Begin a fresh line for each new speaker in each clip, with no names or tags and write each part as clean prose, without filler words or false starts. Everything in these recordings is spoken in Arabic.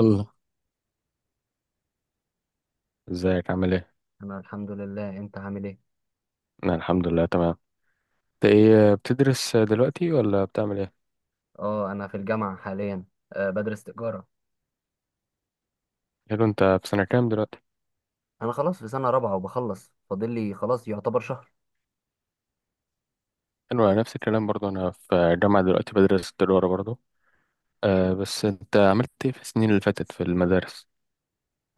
الله. ازيك، عامل ايه؟
انا الحمد لله، انت عامل ايه؟
انا الحمد لله تمام. انت ايه بتدرس دلوقتي ولا بتعمل ايه؟
اه انا في الجامعه حاليا. بدرس تجاره.
حلو، انت في سنة كام دلوقتي؟
انا خلاص في سنه رابعه وبخلص، فاضل لي خلاص يعتبر شهر.
حلو، انا نفس الكلام برضه. انا في جامعة دلوقتي بدرس تجارة برضه. آه، بس انت عملت ايه في السنين اللي فاتت في المدارس؟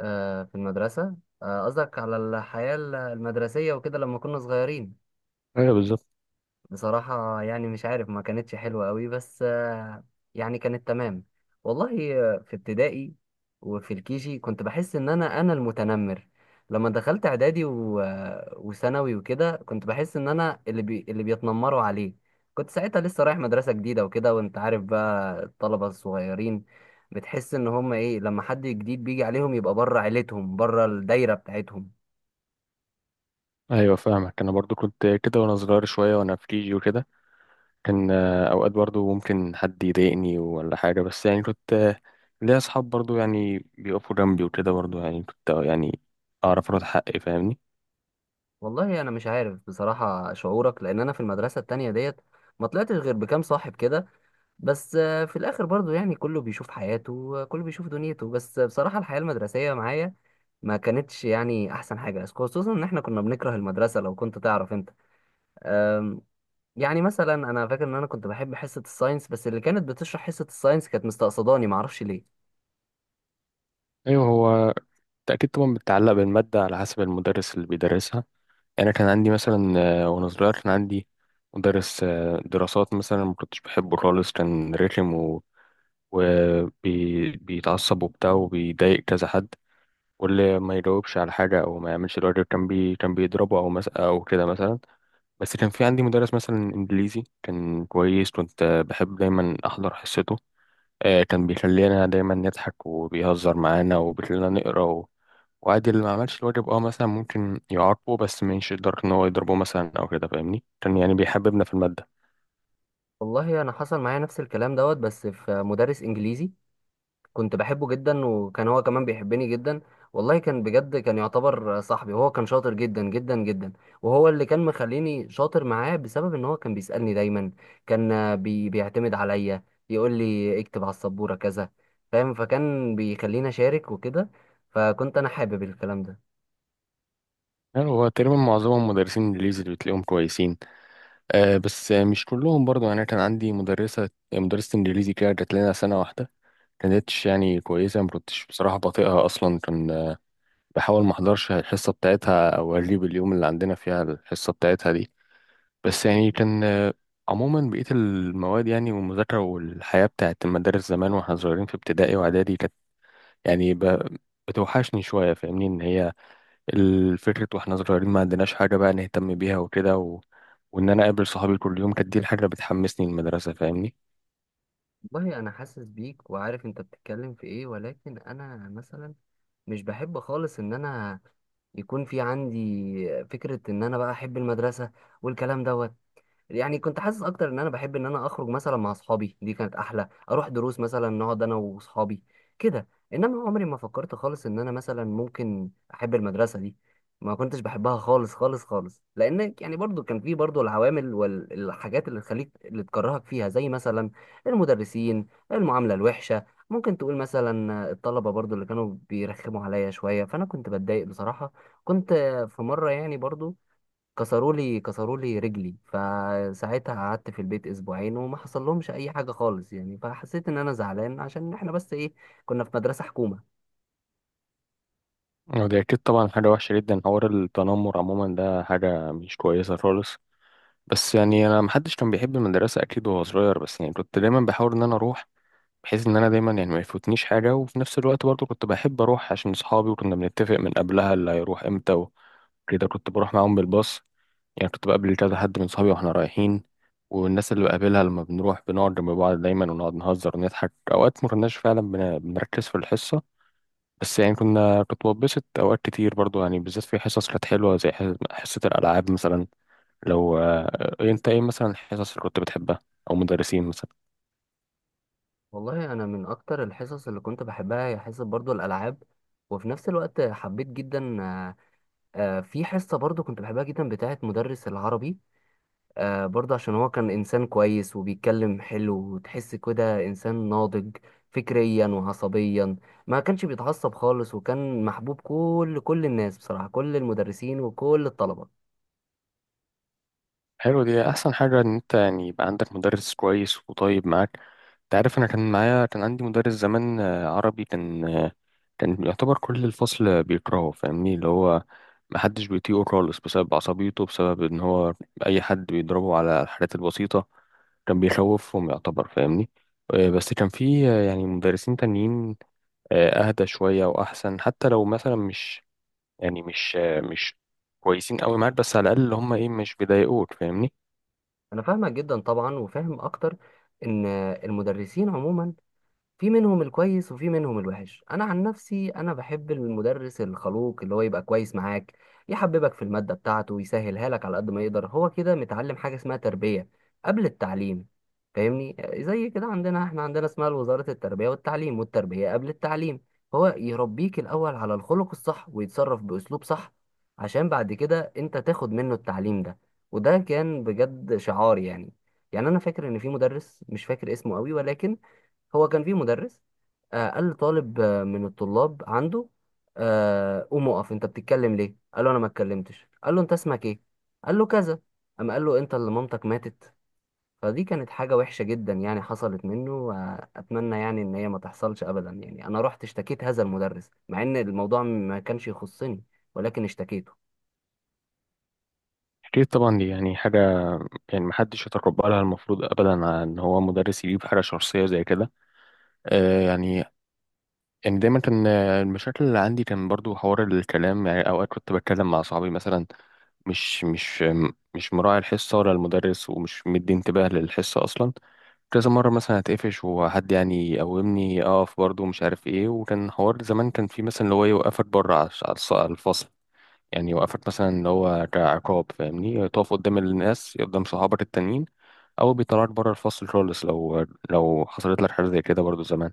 أه، في المدرسه قصدك؟ قصدك على الحياه المدرسيه وكده لما كنا صغيرين.
ايوه، بالظبط.
بصراحة يعني مش عارف، ما كانتش حلوة قوي، بس يعني كانت تمام. والله في ابتدائي وفي الكيجي كنت بحس ان انا المتنمر. لما دخلت اعدادي وثانوي وكده كنت بحس ان انا اللي اللي بيتنمروا عليه. كنت ساعتها لسه رايح مدرسة جديدة وكده، وانت عارف بقى الطلبة الصغيرين بتحس ان هم ايه لما حد جديد بيجي عليهم يبقى بره عيلتهم، بره الدايرة بتاعتهم.
ايوه، فاهمك. انا برضه كنت كده وانا صغير شوية وانا في كيجي وكده. كان اوقات برضه ممكن حد يضايقني ولا حاجة، بس يعني كنت ليا اصحاب برضه يعني بيقفوا جنبي وكده، برضه يعني كنت يعني اعرف ارد حقي، فاهمني؟
والله انا مش عارف بصراحه شعورك، لان انا في المدرسه التانية ديت ما طلعتش غير بكام صاحب كده. بس في الاخر برضو يعني كله بيشوف حياته، كله بيشوف دنيته. بس بصراحه الحياه المدرسيه معايا ما كانتش يعني احسن حاجه، خصوصا ان احنا كنا بنكره المدرسه لو كنت تعرف انت. أم، يعني مثلا انا فاكر ان انا كنت بحب حصه الساينس، بس اللي كانت بتشرح حصه الساينس كانت مستقصداني ما اعرفش ليه.
ايوه هو. أكيد طبعا بتتعلق بالمادة على حسب المدرس اللي بيدرسها. يعني أنا كان عندي مثلا وأنا صغير كان عندي مدرس دراسات مثلا، ما كنتش بحبه خالص. كان رخم وبيتعصب وبتاع وبيضايق كذا حد. واللي ما يجاوبش على حاجة أو ما يعملش الواجب كان كان بيضربه أو أو كده مثلا. بس كان في عندي مدرس مثلا إنجليزي كان كويس. كنت بحب دايما أحضر حصته. كان بيخلينا دايما نضحك وبيهزر معانا وبيخلينا نقرأ. وعادي اللي ما عملش الواجب مثلا ممكن يعاقبه، بس مش يقدر ان هو يضربه مثلا او كده، فاهمني. كان يعني بيحببنا في الماده.
والله انا حصل معايا نفس الكلام دوت، بس في مدرس انجليزي كنت بحبه جدا، وكان هو كمان بيحبني جدا. والله كان بجد كان يعتبر صاحبي، وهو كان شاطر جدا جدا جدا. وهو اللي كان مخليني شاطر معاه بسبب ان هو كان بيسألني دايما. كان آه، بي بيعتمد عليا، يقول لي اكتب على السبورة كذا، فاهم؟ فكان بيخليني اشارك وكده، فكنت انا حابب الكلام ده.
يعني هو تقريبا معظمهم مدرسين انجليزي اللي بتلاقيهم كويسين. آه، بس مش كلهم برضو. يعني كان عندي مدرسه انجليزي كده جات لنا سنه واحده، كانتش يعني كويسه. ما كنتش بصراحه بطيئها اصلا. كان بحاول ما احضرش الحصه بتاعتها او اغيب اليوم اللي عندنا فيها الحصه بتاعتها دي. بس يعني كان عموما بقية المواد، يعني والمذاكرة والحياة بتاعت المدارس زمان واحنا صغيرين في ابتدائي واعدادي، كانت يعني بتوحشني شوية، فاهمني. إن هي الفكرة وإحنا صغيرين ما عندناش حاجة بقى نهتم بيها وكده وإن أنا أقابل صحابي كل يوم، كانت دي الحاجة اللي بتحمسني المدرسة، فاهمني.
والله انا حاسس بيك وعارف انت بتتكلم في ايه، ولكن انا مثلا مش بحب خالص ان انا يكون في عندي فكرة ان انا بقى احب المدرسة والكلام ده. يعني كنت حاسس اكتر ان انا بحب ان انا اخرج مثلا مع اصحابي، دي كانت احلى، اروح دروس مثلا نقعد انا واصحابي كده. انما عمري ما فكرت خالص ان انا مثلا ممكن احب المدرسه دي. ما كنتش بحبها خالص خالص خالص، لان يعني برضو كان في برضو العوامل والحاجات اللي تكرهك فيها، زي مثلا المدرسين، المعامله الوحشه. ممكن تقول مثلا الطلبه برضو اللي كانوا بيرخموا عليا شويه، فانا كنت بتضايق بصراحه. كنت في مره يعني برضو كسروا لي رجلي، فساعتها قعدت في البيت اسبوعين وما حصل لهمش اي حاجه خالص، يعني فحسيت ان انا زعلان، عشان احنا بس ايه، كنا في مدرسه حكومه.
ودي أكيد طبعا حاجة وحشة جدا. حوار التنمر عموما ده حاجة مش كويسة خالص. بس يعني أنا محدش كان بيحب المدرسة أكيد وهو صغير، بس يعني كنت دايما بحاول إن أنا أروح، بحيث إن أنا دايما يعني ما يفوتنيش حاجة. وفي نفس الوقت برضه كنت بحب أروح عشان صحابي، وكنا بنتفق من قبلها اللي هيروح إمتى وكده كنت بروح معاهم بالباص. يعني كنت بقابل كذا حد من صحابي واحنا رايحين. والناس اللي بقابلها لما بنروح بنقعد جنب بعض دايما ونقعد نهزر ونضحك، اوقات ما كناش فعلا بنركز في الحصه. بس يعني كنت بتبسط اوقات كتير برضو، يعني بالذات في حصص كانت حلوه زي حصه الالعاب مثلا. لو انت ايه مثلا الحصص اللي كنت بتحبها او مدرسين مثلا؟
والله انا من اكتر الحصص اللي كنت بحبها هي حصه برضو الالعاب، وفي نفس الوقت حبيت جدا في حصه برضو كنت بحبها جدا بتاعه مدرس العربي. برضه عشان هو كان إنسان كويس وبيتكلم حلو، وتحس كده إنسان ناضج فكريا وعصبيا. ما كانش بيتعصب خالص، وكان محبوب كل الناس بصراحة، كل المدرسين وكل الطلبة.
حلو، دي احسن حاجه ان انت يعني يبقى عندك مدرس كويس وطيب معاك. انت عارف، انا كان معايا كان عندي مدرس زمان عربي كان كان يعتبر كل الفصل بيكرهه، فاهمني. اللي هو محدش بيطيقه خالص بسبب عصبيته، بسبب ان هو اي حد بيضربه على الحاجات البسيطه، كان بيخوفهم يعتبر، فاهمني. بس كان في يعني مدرسين تانيين اهدى شويه واحسن، حتى لو مثلا مش يعني مش مش كويسين قوي معاك، بس على الاقل اللي هم ايه؟ مش بيضايقوك، فاهمني.
أنا فاهمك جدا طبعا، وفاهم أكتر إن المدرسين عموما في منهم الكويس وفي منهم الوحش. انا عن نفسي انا بحب المدرس الخلوق اللي هو يبقى كويس معاك، يحببك في المادة بتاعته ويسهلها لك على قد ما يقدر. هو كده متعلم حاجة اسمها تربية قبل التعليم. فاهمني؟ زي كده عندنا، احنا عندنا اسمها وزارة التربية والتعليم، والتربية قبل التعليم. هو يربيك الاول على الخلق الصح ويتصرف باسلوب صح، عشان بعد كده انت تاخد منه التعليم ده. وده كان بجد شعار يعني. يعني انا فاكر ان في مدرس، مش فاكر اسمه قوي ولكن، هو كان في مدرس قال لطالب من الطلاب عنده، قوم اقف، انت بتتكلم ليه؟ قال له انا ما اتكلمتش. قال له انت اسمك ايه؟ قال له كذا. اما قال له انت اللي مامتك ماتت. فدي كانت حاجة وحشة جدا يعني حصلت منه، اتمنى يعني ان هي ما تحصلش ابدا. يعني انا رحت اشتكيت هذا المدرس مع ان الموضوع ما كانش يخصني، ولكن اشتكيته.
أكيد طبعا دي يعني حاجة يعني محدش يتقبلها المفروض أبدا، إن هو مدرس يجيب حاجة شخصية زي كده. آه، يعني يعني دايما كان المشاكل اللي عندي كان برضو حوار الكلام. يعني أوقات كنت بتكلم مع صحابي مثلا، مش مش مش مراعي الحصة ولا المدرس ومش مدي انتباه للحصة أصلا. كذا مرة مثلا هتقفش وحد يعني يقومني أقف برضو مش عارف إيه. وكان حوار زمان كان في مثلا اللي هو يوقفك بره على على على الفصل، يعني يوقفك مثلا اللي هو كعقاب، فاهمني. تقف قدام الناس قدام صحابك التانيين، او بيطلعك بره الفصل خالص. لو حصلت لك حاجه زي كده برضو زمان؟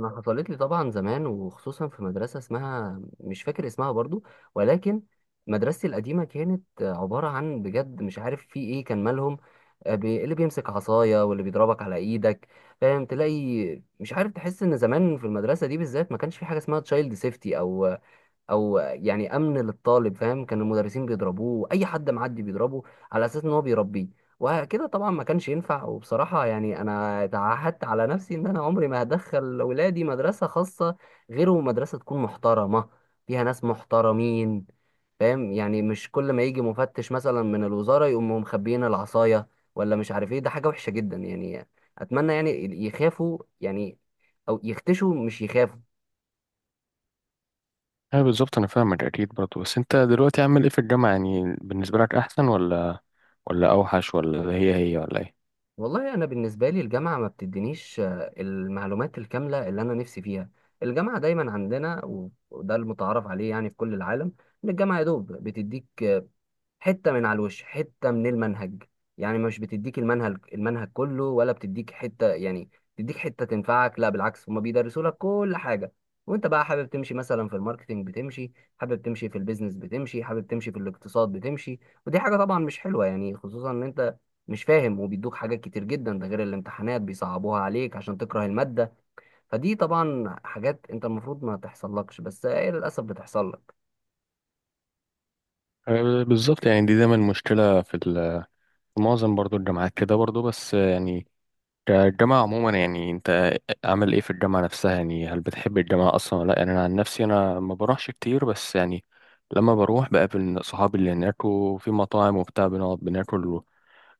انا حصلت لي طبعا زمان، وخصوصا في مدرسه اسمها مش فاكر اسمها برضو، ولكن مدرستي القديمه كانت عباره عن بجد مش عارف في ايه كان مالهم. اللي بيمسك عصايه واللي بيضربك على ايدك، فاهم؟ تلاقي مش عارف، تحس ان زمان في المدرسه دي بالذات ما كانش في حاجه اسمها تشايلد سيفتي او يعني امن للطالب، فاهم؟ كان المدرسين بيضربوه، اي حد معدي بيضربه على اساس ان هو بيربيه، وكده طبعا ما كانش ينفع. وبصراحة يعني انا تعهدت على نفسي ان انا عمري ما هدخل ولادي مدرسة خاصة، غير مدرسة تكون محترمة، فيها ناس محترمين، فاهم؟ يعني مش كل ما يجي مفتش مثلا من الوزارة يقوموا مخبيين العصاية، ولا مش عارف ايه، ده حاجة وحشة جدا يعني. اتمنى يعني يخافوا، يعني او يختشوا، مش يخافوا.
ايوه بالظبط، انا فاهمك اكيد برضو. بس انت دلوقتي عامل ايه في الجامعه؟ يعني بالنسبه لك احسن ولا اوحش، ولا هي هي، ولا ايه؟
والله انا بالنسبه لي الجامعه ما بتدينيش المعلومات الكامله اللي انا نفسي فيها. الجامعه دايما عندنا، وده المتعارف عليه يعني في كل العالم، ان الجامعه يا دوب بتديك حته من على الوش، حته من المنهج. يعني مش بتديك المنهج كله، ولا بتديك حته يعني بتديك حته تنفعك. لا بالعكس، هما بيدرسوا لك كل حاجه، وانت بقى حابب تمشي مثلا في الماركتينج بتمشي، حابب تمشي في البيزنس بتمشي، حابب تمشي في الاقتصاد بتمشي. ودي حاجه طبعا مش حلوه يعني، خصوصا ان انت مش فاهم، وبيدوك حاجات كتير جدا، ده غير الامتحانات بيصعبوها عليك عشان تكره الماده. فدي طبعا حاجات انت المفروض ما تحصل لكش، بس هي للاسف بتحصل لك.
أه، بالظبط. يعني دي دايما مشكله في في معظم برضو الجامعات كده برضو. بس آه، يعني كالجامعه عموما، يعني انت عامل ايه في الجامعه نفسها؟ يعني هل بتحب الجامعه اصلا ولا لا؟ يعني انا عن نفسي انا ما بروحش كتير، بس يعني لما بروح بقابل صحابي اللي هناك، وفي مطاعم وبتاع بنقعد بناكل،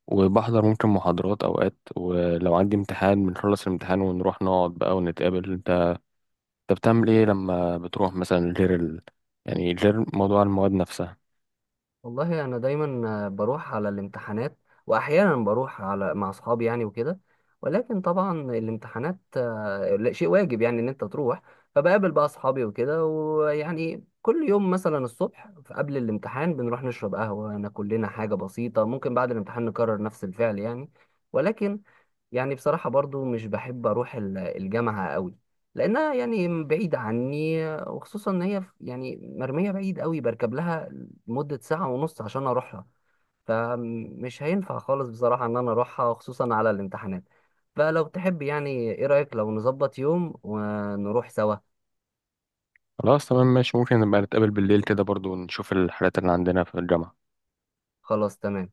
وبحضر ممكن محاضرات اوقات، ولو عندي امتحان بنخلص الامتحان ونروح نقعد بقى ونتقابل. انت بتعمل ايه لما بتروح مثلا غير يعني غير موضوع المواد نفسها؟
والله انا دايما بروح على الامتحانات، واحيانا بروح مع اصحابي يعني وكده. ولكن طبعا الامتحانات لا، شيء واجب يعني ان انت تروح. فبقابل بقى اصحابي وكده، ويعني كل يوم مثلا الصبح قبل الامتحان بنروح نشرب قهوة، ناكل لنا حاجة بسيطة، ممكن بعد الامتحان نكرر نفس الفعل يعني. ولكن يعني بصراحة برضو مش بحب أروح الجامعة قوي، لأنها يعني بعيدة عني، وخصوصا إن هي يعني مرمية بعيد قوي، بركب لها مدة ساعة ونص عشان أروحها. فمش هينفع خالص بصراحة إن أنا أروحها خصوصا على الامتحانات. فلو تحب يعني، إيه رأيك لو نظبط يوم ونروح سوا؟
خلاص، تمام ماشي. ممكن نبقى نتقابل بالليل كده برضو ونشوف الحالات اللي عندنا في الجامعة.
خلاص تمام.